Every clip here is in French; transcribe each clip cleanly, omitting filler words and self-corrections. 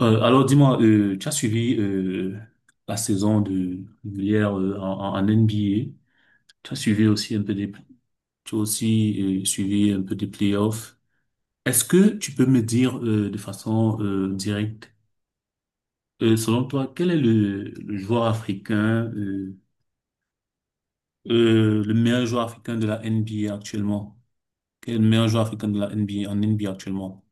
Alors dis-moi, tu as suivi, la saison de hier, en NBA. Tu as suivi aussi un peu des, tu as aussi suivi un peu des playoffs. Est-ce que tu peux me dire, de façon directe, selon toi, quel est le joueur africain, le meilleur joueur africain de la NBA actuellement? Quel est le meilleur joueur africain de la NBA en NBA actuellement?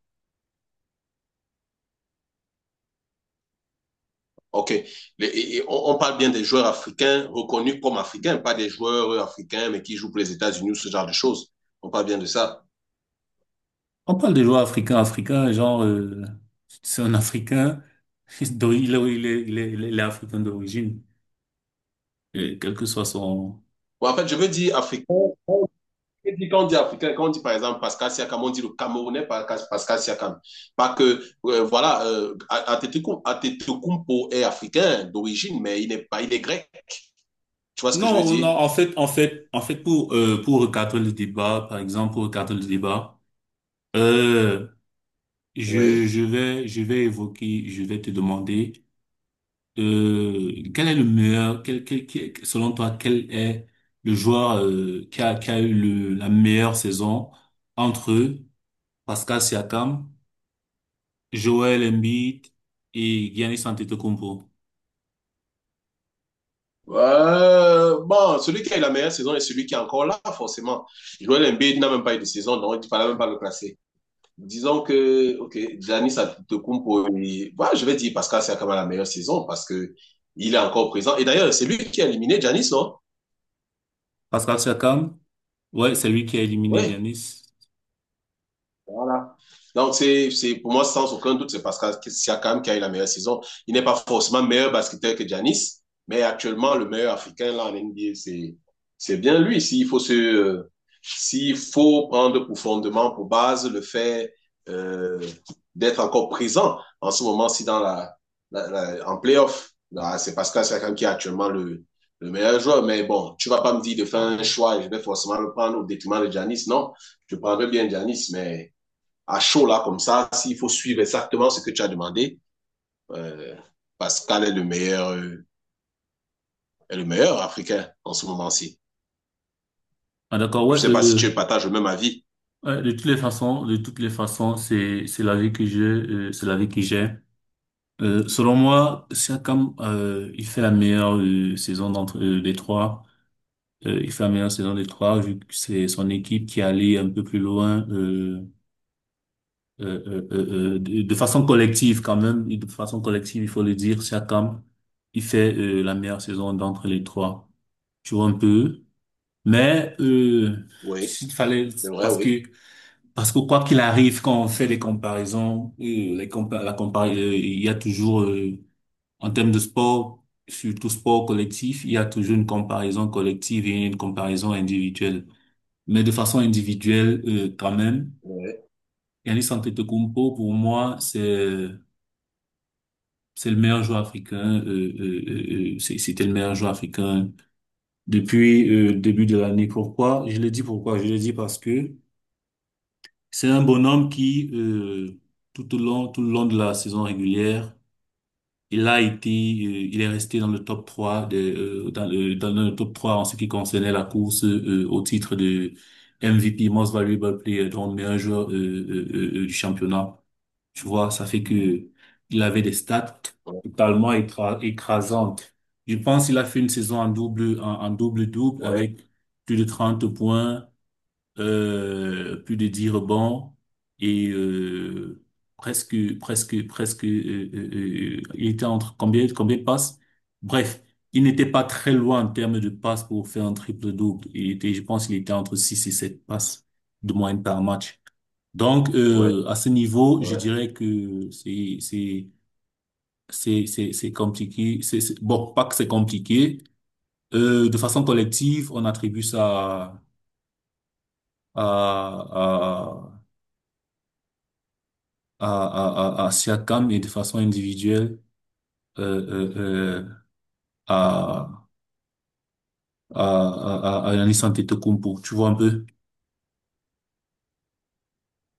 OK. On parle bien des joueurs africains reconnus comme africains, pas des joueurs africains mais qui jouent pour les États-Unis ou ce genre de choses. On parle bien de ça. On parle de joueurs africains, africains, genre, c'est un Africain, il est africain d'origine, quel que soit son... Bon, en fait, je veux dire africain. Et puis, quand on dit africain, quand on dit par exemple Pascal Siakam, on dit le Camerounais Pascal Siakam. Pas que, voilà, Atetokounmpo est africain d'origine, mais il n'est pas, il est grec. Tu vois ce que je veux Non, non, dire? en fait, en fait, en fait, pour recadrer le débat, par exemple, pour recadrer le débat, euh, Oui. Je vais évoquer, je vais te demander, quel est le meilleur, selon toi, quel est le joueur, qui a eu la meilleure saison entre Pascal Siakam, Joel Embiid et Giannis Antetokounmpo. Bon, celui qui a eu la meilleure saison est celui qui est encore là, forcément. Joel Embiid n'a même pas eu de saison, donc il ne fallait même pas le classer. Disons que, OK, Giannis Antetokounmpo, bah, je vais dire Pascal Siakam a la meilleure saison parce que il est encore présent. Et d'ailleurs, c'est lui qui a éliminé Giannis, non? Pascal Siakam, ouais, c'est lui qui a éliminé Oui. Giannis. Voilà. Donc, c'est, pour moi, sans aucun doute, c'est parce Pascal Siakam qui a eu la meilleure saison. Il n'est pas forcément meilleur basketteur que Giannis, mais actuellement, le meilleur Africain là en NBA, c'est bien lui. S'il faut prendre pour fondement, pour base, le fait euh, d'être encore présent en ce moment, si dans la en playoff, là, c'est Pascal Siakam qui est actuellement le meilleur joueur. Mais bon, tu vas pas me dire de faire un choix et je vais forcément le prendre au détriment de Giannis. Non, je prendrais bien Giannis, mais à chaud là comme ça, s'il faut suivre exactement ce que tu as demandé, euh, Pascal est le meilleur africain en ce moment-ci. Ah, d'accord, Je ouais, ne sais pas si tu partages le même avis. ouais, de toutes les façons, de toutes les façons, c'est la vie que j'ai, c'est la vie que j'ai. Selon moi, Siakam, il fait la meilleure, saison d'entre, des trois. Il fait la meilleure saison des trois vu que c'est son équipe qui est allée un peu plus loin. Euh, de façon collective quand même, et de façon collective, il faut le dire, Siakam, il fait la meilleure saison d'entre les trois. Tu vois un peu. Mais Oui, s'il fallait, c'est vrai, parce que oui. parce que quoi qu'il arrive, quand on fait des comparaisons, les compa la compar il y a toujours, en termes de sport, surtout sport collectif, il y a toujours une comparaison collective et une comparaison individuelle. Mais de façon individuelle, quand même, Oui, Giannis Antetokounmpo, pour moi, c'est le meilleur joueur africain. C'était le meilleur joueur africain depuis, le début de l'année. Pourquoi? Je le dis pourquoi? Je le dis parce que c'est un bonhomme qui, tout le long de la saison régulière, il est resté dans le top 3, dans le top 3 en ce qui concernait la course, au titre de MVP, Most Valuable Player, donc meilleur joueur, du championnat. Tu vois, ça fait que il avait des stats oui, oui. totalement écrasantes. Je pense qu'il a fait une saison en double, en double-double Ouais, avec plus de 30 points, plus de 10 rebonds et, presque, presque, presque, il était entre combien, combien de passes? Bref, il n'était pas très loin en termes de passes pour faire un triple-double. Je pense qu'il était entre 6 et 7 passes de moyenne par match. Donc, ouais, à ce niveau, ouais, je ouais. dirais que c'est compliqué. Bon, pas que c'est compliqué. De façon collective, on attribue ça à à à Siakam et de façon individuelle, euh, euh, euh, à à Giannis Antetokounmpo. Tu vois un peu?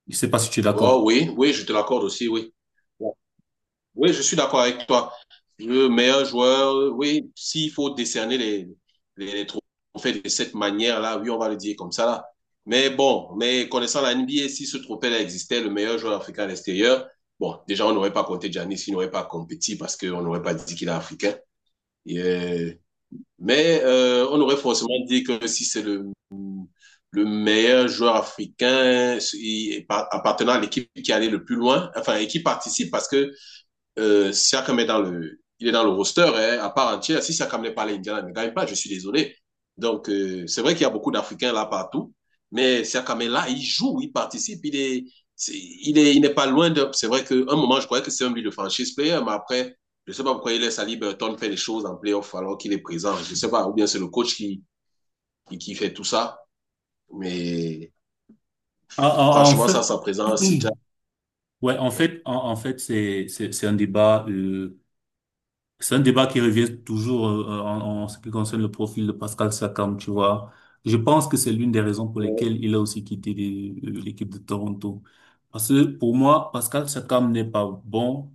Je sais pas si tu es Bon, d'accord. oui, oui, je te l'accorde aussi, oui. Bon, oui, je suis d'accord avec toi. Le meilleur joueur, oui, s'il faut décerner les trophées de cette manière-là, oui, on va le dire comme ça là. Mais bon, mais connaissant la NBA, si ce trophée-là existait, le meilleur joueur africain à l'extérieur, bon, déjà, on n'aurait pas compté Giannis, il n'aurait pas compétit parce qu'on n'aurait pas dit qu'il est africain. Et, euh, on aurait forcément dit que si c'est le meilleur joueur africain il est appartenant à l'équipe qui allait le plus loin, enfin, et qui participe parce que Siakam est dans le, il est dans le roster hein, à part entière. Si Siakam n'est pas là, Indiana ne gagne pas, je suis désolé. Donc, c'est vrai qu'il y a beaucoup d'Africains là partout, mais Siakam est là, il joue, il participe, il est, il est, il n'est pas loin de. C'est vrai qu'à un moment, je croyais que c'est un lui le franchise player, mais après, je ne sais pas pourquoi il laisse Ali Burton faire les choses en playoff alors qu'il est présent. Je ne sais pas, ou bien c'est le coach qui fait tout ça. Mais En franchement, ça, fait, sa présence, Sinja, ouais, en ouais, fait, en fait, c'est un débat. C'est un débat qui revient toujours, en ce qui concerne le profil de Pascal Siakam, tu vois. Je pense que c'est l'une des raisons pour lesquelles il a aussi quitté l'équipe de Toronto. Parce que pour moi, Pascal Siakam n'est pas bon.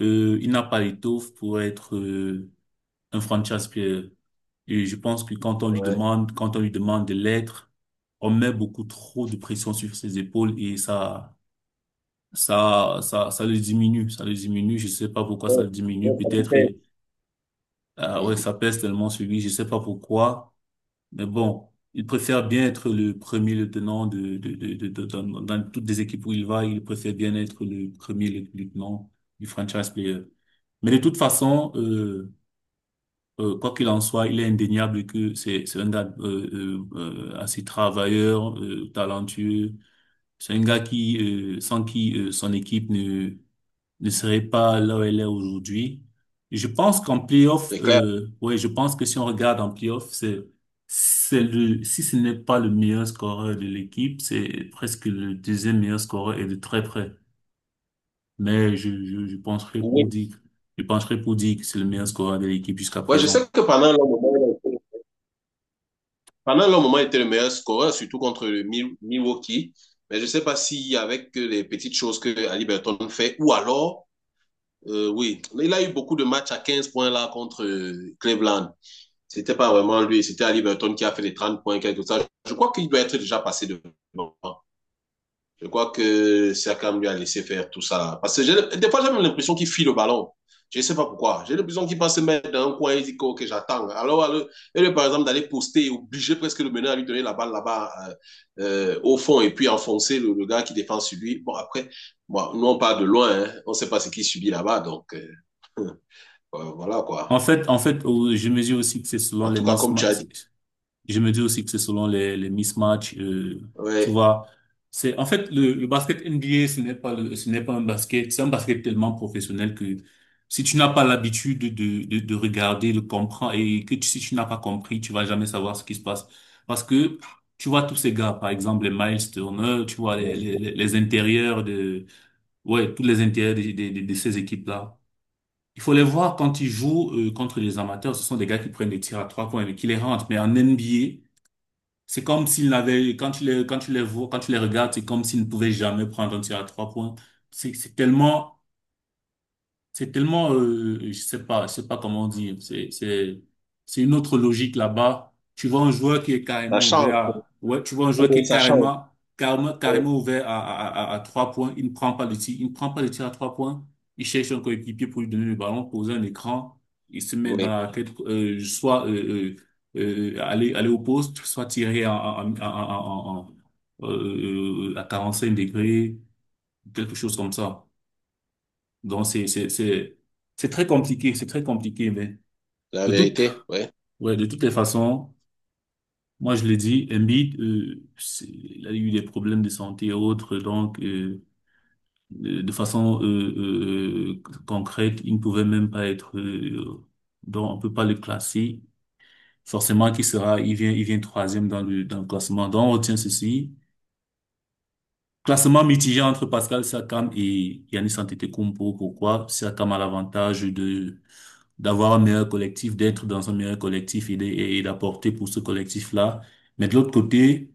Il n'a pas l'étoffe pour être, un franchise player. Et je pense que ouais, quand on lui demande de l'être, on met beaucoup trop de pression sur ses épaules et ça le diminue. Ça le diminue. Je sais pas pourquoi ça ouais, le diminue. ouais, ça me Peut-être. plaît. Ah ouais, Mhm. ça pèse tellement sur lui, je sais pas pourquoi, mais bon, il préfère bien être le premier lieutenant dans toutes les équipes où il va, il préfère bien être le premier lieutenant du franchise player. Mais de toute façon, quoi qu'il en soit, il est indéniable que c'est un gars, assez travailleur, talentueux. C'est un gars qui, sans qui son équipe ne serait pas là où elle est aujourd'hui. Je pense qu'en playoff, C'est clair. Ouais, je pense que si on regarde en playoff, si ce n'est pas le meilleur scoreur de l'équipe, c'est presque le deuxième meilleur scoreur et de très près. Mais je Oui, je pencherai pour dire que c'est le meilleur scoreur de l'équipe jusqu'à ouais, je sais présent. que pendant un long moment, il a été, pendant un long moment, il était le meilleur scoreur, surtout contre le Milwaukee. Mais je ne sais pas si avec les petites choses que Ali Burton fait, ou alors, oui, il a eu beaucoup de matchs à 15 points là contre Cleveland. C'était pas vraiment lui, c'était Ali Burton qui a fait les 30 points, quelque chose. Je crois qu'il doit être déjà passé devant. Je crois que Siakam lui a laissé faire tout ça. Parce que des fois, j'ai même l'impression qu'il file le ballon. Je ne sais pas pourquoi. J'ai l'impression qu'il va se mettre dans un coin et dit que ok, j'attends. Alors lui, par exemple, d'aller poster, obliger presque le meneur à lui donner la balle là-bas au fond et puis enfoncer le gars qui défend sur lui. Bon, après, bon, nous, on part de loin. Hein. On ne sait pas ce qu'il subit là-bas. Donc, voilà quoi. En fait, au- je mesure aussi que c'est selon En les tout cas, comme tu as mismatchs, dit, je me dis aussi que c'est selon les mismatchs, tu ouais, vois. C'est, en fait, le basket NBA, ce n'est pas un basket, c'est un basket tellement professionnel que si tu n'as pas l'habitude de regarder, de comprendre et si tu n'as pas compris, tu vas jamais savoir ce qui se passe. Parce que tu vois tous ces gars, par exemple, les Miles Turner, tu vois les, les, bon, les les intérieurs ouais, tous les intérieurs ces équipes-là. Il faut les voir quand ils jouent, contre les amateurs, ce sont des gars qui prennent des tirs à trois points et qui les rentrent. Mais en NBA, c'est comme s'il n'avait, quand tu les vois, quand tu les regardes, c'est comme s'il ne pouvait jamais prendre un tir à trois points. C'est c'est tellement c'est tellement, je sais pas comment dire. C'est une autre logique là-bas. Tu vois un joueur qui est ça carrément ouvert change. à, ouais, tu vois un joueur qui Oui, est ça change. carrément, carrément, carrément ouvert à trois points. Il ne prend pas le tir. Il ne prend pas le tir à trois points. Il cherche un coéquipier pour lui donner le ballon, poser un écran. Il se met dans Oui, la tête, soit, aller au poste, soit tirer à 45 degrés, quelque chose comme ça. Donc, c'est très compliqué, c'est très compliqué, mais la de toute, vérité, oui. ouais, de toutes les façons, moi, je l'ai dit, Embiid, il a eu des problèmes de santé et autres, donc, de façon, concrète, il ne pouvait même pas être, donc, on peut pas le classer. Forcément, il vient troisième dans le classement. Donc, on retient ceci. Classement mitigé entre Pascal Siakam et Giannis Antetokounmpo. Pourquoi? Siakam a l'avantage de d'avoir un meilleur collectif, d'être dans un meilleur collectif et d'apporter pour ce collectif-là. Mais de l'autre côté,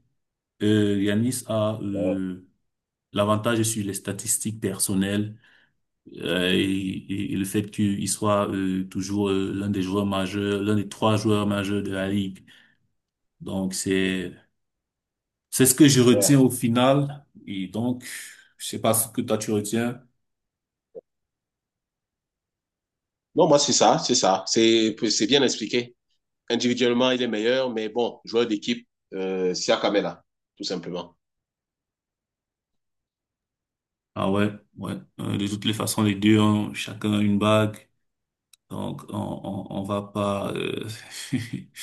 Giannis a, l'avantage sur les statistiques personnelles, et le fait qu'il soit, toujours, l'un des joueurs majeurs, l'un des trois joueurs majeurs de la ligue. Donc c'est ce que je Ouais, retiens au final. Et donc, je sais pas ce que toi tu retiens. non, moi, c'est ça, c'est ça. C'est bien expliqué. Individuellement, il est meilleur, mais bon, joueur d'équipe, Siakam est là, tout simplement. Ah ouais, ouais. De toutes les façons, les deux ont chacun une bague. Donc, on va pas,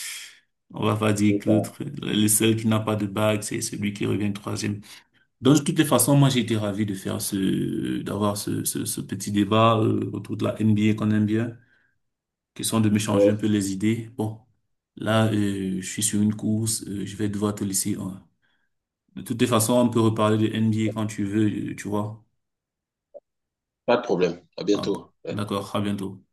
on va pas dire C'est que l'autre, ça. le seul qui n'a pas de bague, c'est celui qui revient troisième. Donc, de toutes les façons, moi, j'ai été ravi de d'avoir ce petit débat, autour de la NBA qu'on aime bien, question de Ouais. m'échanger un peu les idées. Bon. Là, je suis sur une course, je vais devoir te laisser, hein. De toutes les façons, on peut reparler de NBA quand tu veux, tu vois. Pas de problème. À Ah, bientôt. Ouais. d'accord, à bientôt.